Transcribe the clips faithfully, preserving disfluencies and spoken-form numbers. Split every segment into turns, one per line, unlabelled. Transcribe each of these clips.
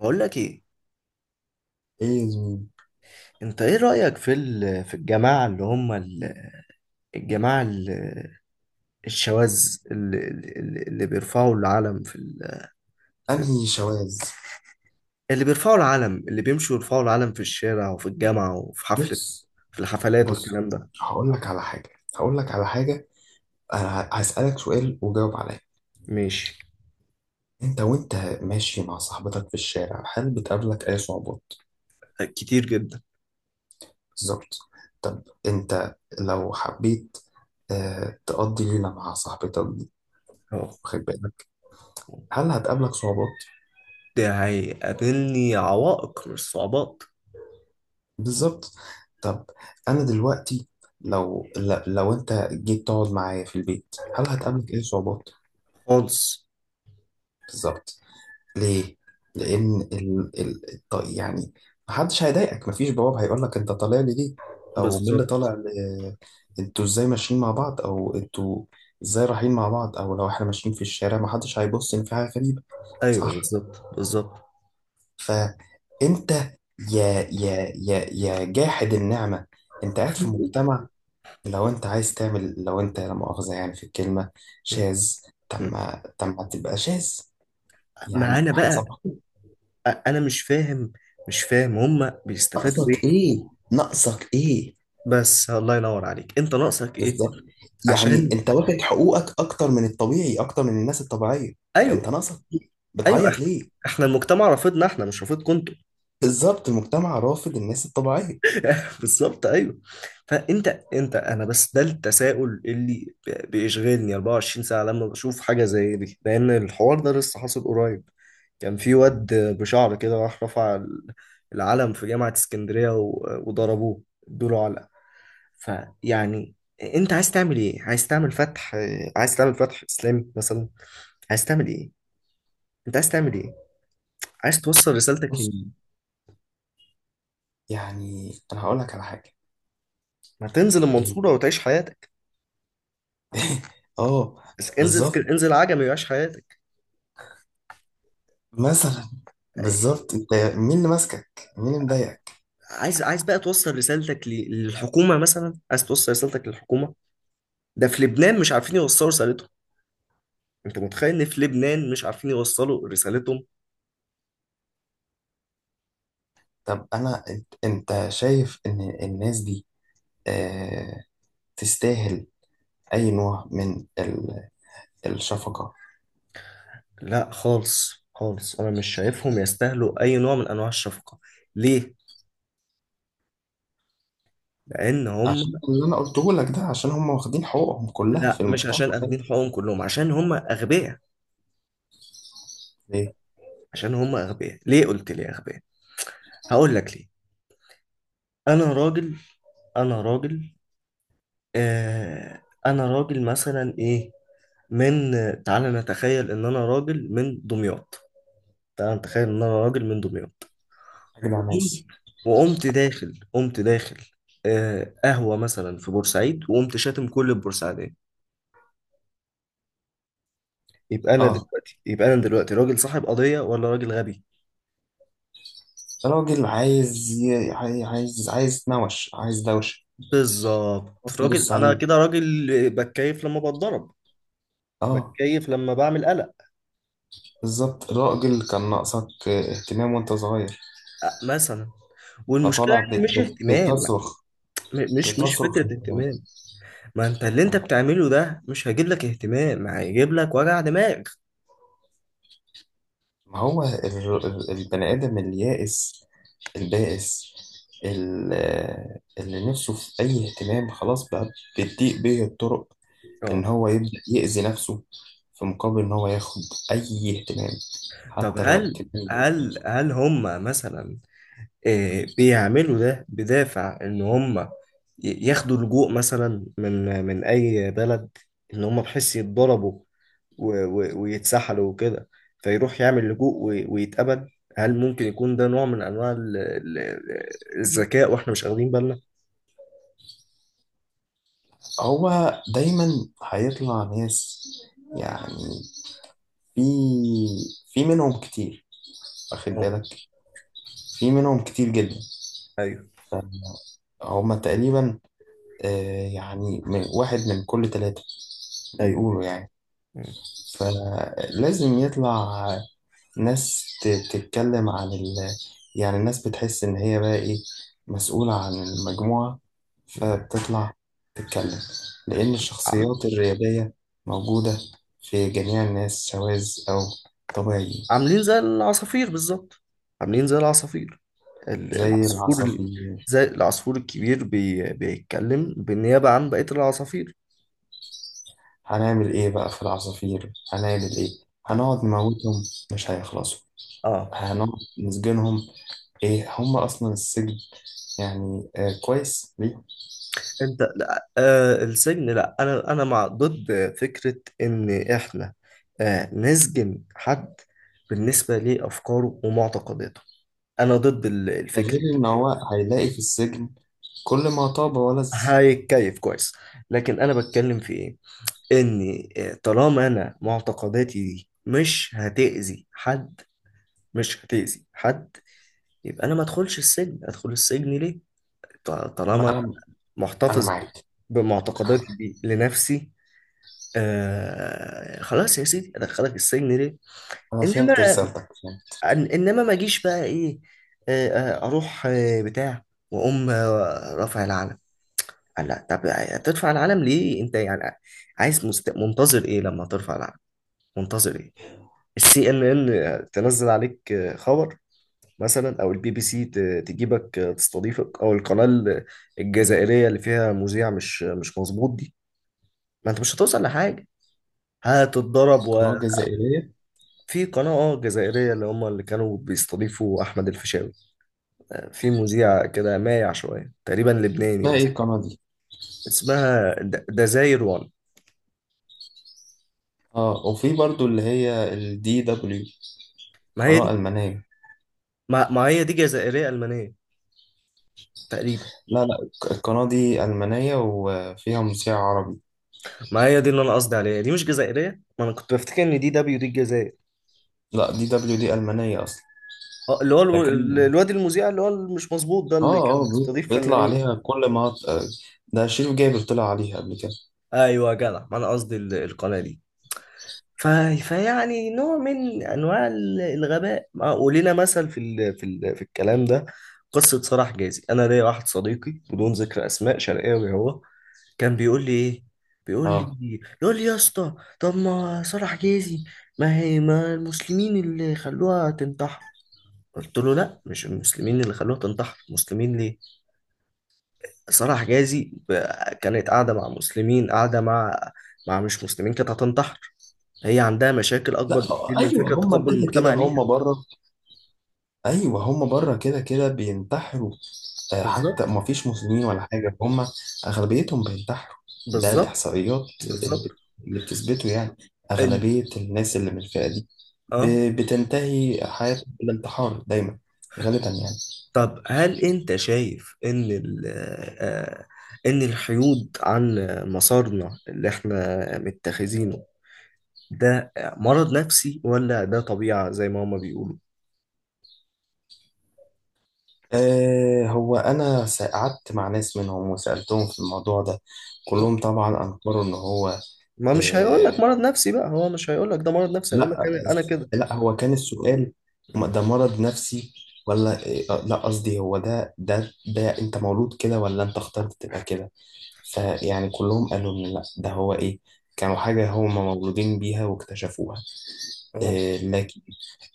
بقول لك ايه.
ايه يا زميلي.
انت ايه رأيك في ال- في الجماعة اللي هم ال- الجماعة ال- الشواذ اللي, اللي اللي بيرفعوا العلم في, ال... في
انهي شواذ؟
اللي بيرفعوا العلم اللي بيمشوا يرفعوا العلم في الشارع وفي الجامعة وفي حفلة
بص،
في الحفلات
بص.
والكلام ده.
هقول لك على حاجه هقول لك على حاجه انا هسالك سؤال وجاوب عليا.
ماشي.
انت وانت ماشي مع صاحبتك في الشارع، هل بتقابلك اي صعوبات؟
كتير جدا.
بالظبط. طب انت لو حبيت آه تقضي ليله مع صاحبتك دي،
اه،
واخد بالك، هل هتقابلك صعوبات؟
ده هيقابلني عوائق مش صعوبات.
بالظبط. طب انا دلوقتي لو لو انت جيت تقعد معايا في البيت، هل هتقابلك اي صعوبات؟
خالص.
بالظبط. ليه؟ لأن ال... ال... الط- يعني محدش هيضايقك، مفيش بواب هيقول لك، أنت طالع لي ليه؟ أو مين اللي
بالظبط،
طالع ل... أنتوا إزاي ماشيين مع بعض؟ أو أنتوا إزاي رايحين مع بعض؟ أو لو إحنا ماشيين في الشارع محدش هيبص إن في حاجة غريبة،
ايوه،
صح؟
بالظبط بالظبط.
فأنت يا يا يا يا جاحد النعمة، أنت قاعد في مجتمع. لو أنت عايز تعمل لو أنت لا مؤاخذة يعني في الكلمة شاذ، طب ما طب ما تبقى شاذ، يعني
معانا بقى.
هنسامحك.
انا مش فاهم، مش فاهم هما بيستفادوا
ناقصك
ايه.
ايه؟ ناقصك ايه؟
بس الله ينور عليك، انت ناقصك ايه؟
بالظبط. يعني
عشان،
انت واخد حقوقك اكتر من الطبيعي، اكتر من الناس الطبيعيه. فانت
ايوه
ناقصك ايه،
ايوه،
بتعيط
احنا،
ليه؟
احنا المجتمع رافضنا، احنا مش رافضكم انتوا.
بالظبط، المجتمع رافض الناس الطبيعيه.
بالظبط ايوه. فانت انت انا بس ده التساؤل اللي ب- بيشغلني أربعة وعشرين ساعه لما بشوف حاجه زي دي، لان الحوار ده لسه حاصل قريب. كان في واد بشعر كده راح رفع ال- العلم في جامعه اسكندريه و- وضربوه، ادوا له علقه. فيعني انت عايز تعمل ايه؟ عايز تعمل فتح، عايز تعمل فتح اسلامي مثلا؟ عايز تعمل ايه؟ انت عايز تعمل ايه؟ عايز توصل رسالتك
بص،
لمين؟
يعني انا هقول لك على حاجه.
ما تنزل
ال-
المنصورة وتعيش حياتك.
اه.
بس انزل اسك-
بالظبط.
انزل عجمي وعيش حياتك.
مثلا، بالظبط انت مين اللي ماسكك، مين اللي مضايقك؟
عايز، عايز بقى توصل رسالتك ل- للحكومة مثلا، عايز توصل رسالتك للحكومة. ده في لبنان مش عارفين يوصلوا رسالتهم، انت متخيل ان في لبنان مش عارفين يوصلوا رسالتهم؟
طب انا انت أنت شايف ان الناس دي آه تستاهل اي نوع من ال- الشفقه؟
لا خالص خالص، انا مش شايفهم يستاهلوا اي نوع من انواع الشفقة. ليه؟ لان هم،
عشان اللي انا قلته لك ده، عشان هم واخدين حقوقهم كلها في
لا مش
المجتمع
عشان
ده.
اخدين حقوقهم كلهم، عشان هم اغبياء.
ليه؟
عشان هم اغبياء. ليه قلت لي اغبياء؟ هقول لك ليه. انا راجل انا راجل. آه انا راجل مثلا، ايه، من تعال نتخيل ان انا راجل من دمياط. تعال نتخيل ان انا راجل من دمياط
اجدع
وقمت،
ناس.
وقمت داخل قمت داخل آه قهوة مثلا في بورسعيد، وقمت شاتم كل البورسعيدية. يبقى انا
اه،
دلوقتي، يبقى انا دلوقتي راجل صاحب قضية ولا راجل غبي؟
راجل عايز ي- عاي- عايز عايز يتنوش، عايز دوشه،
بالظبط.
بس
راجل،
تبص
انا
عليه.
كده راجل بتكيف لما بتضرب،
اه،
بتكيف لما بعمل قلق.
بالظبط، راجل كان ناقصك اهتمام وانت صغير،
أه، مثلا. والمشكله
فطالع ب-
ان مش
ب-
اهتمام،
بتصرخ
م- مش مش
بتصرخ
فكره
اهتمام.
اهتمام. ما انت اللي انت
اه.
بتعمله ده مش هيجيب لك اهتمام، هيجيب لك وجع دماغ.
ما هو ال- ال- البني ادم اليائس، البائس، ال- اللي نفسه في اي اهتمام، خلاص بقى بتضيق بيه الطرق ان
اه.
هو يبدأ يأذي نفسه في مقابل ان هو ياخد اي اهتمام،
طب
حتى لو
هل
اهتمام.
هل هل هم مثلا، آه، بيعملوا ده بدافع ان هم ي- ياخدوا لجوء مثلا من من اي بلد، ان هم بحيث يتضربوا و- و- ويتسحلوا وكده، فيروح يعمل لجوء و- ويتقبل. هل ممكن يكون ده نوع من انواع ال- ال- ال- الذكاء واحنا مش واخدين بالنا؟
هو دايما هيطلع ناس، يعني في في منهم كتير، واخد
اه.
بالك، في منهم كتير جدا.
ايوه.
فهم تقريبا، آه، يعني من- واحد من كل ثلاثة،
ايوه.
بيقولوا يعني.
م-
فلازم يطلع ناس ت- تتكلم عن ال... يعني الناس بتحس إن هي بقى إيه، مسؤولة عن المجموعة،
م.
فبتطلع تتكلم، لأن
عم-
الشخصيات الريادية موجودة في جميع الناس، سواذ أو طبيعيين.
عاملين زي العصافير بالظبط، عاملين زي العصافير. ال-
زي
العصفور ال-
العصافير.
زي العصفور الكبير بي... بيتكلم بالنيابة عن بقية العصافير.
هنعمل إيه بقى في العصافير، هنعمل إيه؟ هنقعد نموتهم؟ مش هيخلصوا.
اه.
هنقعد نسجنهم؟ إيه هم أصلا السجن؟ يعني آه كويس ليه.
انت لا آه السجن، لا انا انا مع، ضد فكرة ان احنا، آه نسجن حد بالنسبة لافكاره ومعتقداته. انا ضد ال-
ده
الفكرة
غير
دي.
إن هو هيلاقي في السجن كل ما طاب ولز.
هيتكيف كويس. لكن انا بتكلم في ايه، ان آه، طالما انا معتقداتي دي مش هتأذي حد، مش هتأذي حد، يبقى انا ما ادخلش السجن. ادخل السجن ليه ط- طالما
ما
أنا
انا انا
محتفظ
معاك،
بمعتقداتي دي لنفسي؟ آه خلاص يا سيدي، ادخلك السجن ليه؟
انا فهمت
انما،
رسالتك، فهمت.
إن- انما ما اجيش بقى ايه، آه آه، اروح آه بتاع، واقوم آه رافع العلم. لا طب هترفع العلم ليه انت يعني؟ عايز مست... منتظر ايه لما ترفع العلم؟ منتظر ايه؟ السي ان ان تنزل عليك آه، خبر مثلا، او البي بي سي ت- تجيبك آه، تستضيفك، او القناة ال- الجزائرية اللي فيها مذيع مش مش مظبوط دي؟ ما انت مش هتوصل لحاجة، هتتضرب.
القناه الجزائريه،
في قناة اه جزائرية اللي هم اللي كانوا بيستضيفوا أحمد الفيشاوي، في مذيع كده مايع شوية، تقريبا لبناني
اسمها ايه
بس.
القناه دي؟
اسمها د- دزاير وان.
اه، وفي برضو اللي هي الدي دبليو،
ما هي
قناه
دي.
المانيه.
ما, ما هي دي جزائرية ألمانية تقريبا.
لا، لا، الق- القناه دي المانيه وفيها مذيع عربي.
ما هي دي اللي أنا قصدي عليها، دي مش جزائرية، ما أنا كنت بفتكر إن دي دبليو دي الجزائر.
لا، دي دبليو دي المانيه اصلا.
اه، اللي هو
ده كان
الو- الواد المذيع اللي هو مش مظبوط ده، اللي
اه
كان
اه بي-
بيستضيف
بيطلع
فنانين.
عليها. كل ما ط- آه، ده شريف جابر طلع عليها قبل كده.
أيوه يا جدع، ما أنا قصدي ال- القناة دي. ف... فيعني نوع من انواع ال- الغباء، مع- ولينا مثل في ال... في ال... في الكلام ده. قصه صلاح جازي، انا ليا واحد صديقي بدون ذكر اسماء، شرقاوي هو، كان بيقول لي ايه، بيقول
اه.
لي، يقول لي يا اسطى، طب ما صلاح جازي، ما هي، ما المسلمين اللي خلوها تنتحر. قلت له لا مش المسلمين اللي خلوها تنتحر، المسلمين ليه؟ صلاح جازي ب- كانت قاعده مع مسلمين، قاعده مع، مع مش مسلمين، كانت هتنتحر. هي عندها مشاكل اكبر
لا، آه،
بكتير من
ايوه،
فكره
هما
تقبل
كده كده،
المجتمع ليها.
هما بره. ايوه، هما بره كده كده بينتحروا. آه، حتى
بالظبط.
ما فيش مسلمين ولا حاجة، هم أغلبيتهم بينتحروا. ده
بالظبط.
الإحصائيات اللي
بالظبط.
بت- اللي بتثبته يعني،
ال...
أغلبية الناس اللي من الفئة دي
اه.
ب- بتنتهي حياتهم بالانتحار دايما، غالبا يعني.
طب هل انت شايف ان ال... آه... آه، ان الحيود عن مسارنا اللي احنا متخذينه ده مرض نفسي ولا ده طبيعه زي ما هما بيقولوا؟
آه هو أنا س- قعدت مع ناس منهم وسألتهم في الموضوع ده،
آه.
كلهم طبعا أنكروا إن هو.
ما مش هيقول لك
آه
مرض نفسي بقى، هو مش هيقول لك ده مرض نفسي، هيقول لك
لا،
انا أنا كده.
لا، هو كان السؤال، م- ده مرض نفسي ولا آه، لا، قصدي، هو ده ده ده أنت مولود كده ولا أنت اخترت تبقى كده؟ فيعني كلهم قالوا إن لأ، ده هو إيه، كانوا حاجة هم مولودين بيها واكتشفوها.
اه.
إيه لكن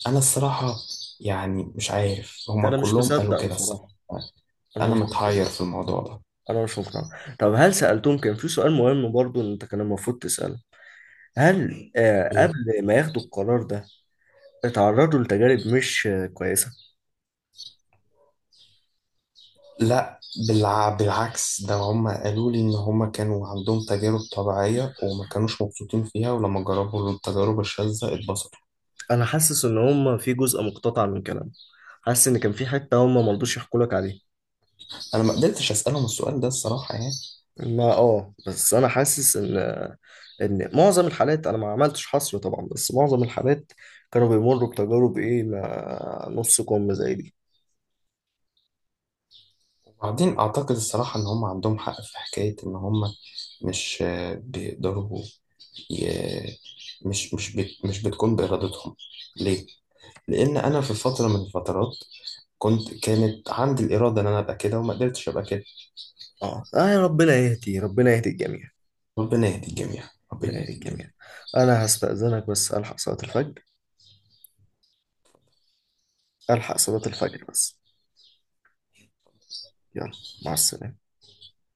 أنا الصراحة يعني مش عارف، هم
انا مش
كلهم قالوا
مصدق
كده الصراحة.
بصراحه، انا
أنا
مش مقتنع،
متحير في الموضوع ده.
انا مش مقتنع. طب هل سألتهم، كان في سؤال مهم برضو إن انت كان المفروض تسأله، هل آه قبل
إيه
ما ياخدوا القرار ده اتعرضوا لتجارب مش آه كويسة؟
لا، بالع... بالعكس، ده هم قالوا لي إن هم كانوا عندهم تجارب طبيعية وما كانوش مبسوطين فيها، ولما جربوا التجارب الشاذة اتبسطوا.
انا حاسس ان هم في جزء مقتطع من كلام، حاسس ان كان في حتة هم ما رضوش يحكوا لك عليها.
أنا ما قدرتش أسألهم السؤال ده الصراحة يعني.
ما اه بس انا حاسس ان، ان معظم الحالات، انا ما عملتش حصر طبعا، بس معظم الحالات كانوا بيمروا بتجارب ايه ما نص كم زي دي.
وبعدين أعتقد الصراحة إن هم عندهم حق في حكاية إن هم مش آه، بيقدروا ي- مش مش بت مش بتكون بإرادتهم. ليه؟ لأن أنا في فترة من الفترات كنت كانت عندي الإرادة إن أنا أبقى كده وما قدرتش أبقى كده.
اه آه يا ربنا يهدي، ربنا يهدي الجميع.
ربنا يهدي الجميع،
ربنا
ربنا يهدي
يهديك جميعا.
الجميع.
انا هستأذنك بس، الحق صلاة الفجر، الحق صلاة الفجر بس. يلا، مع السلامة.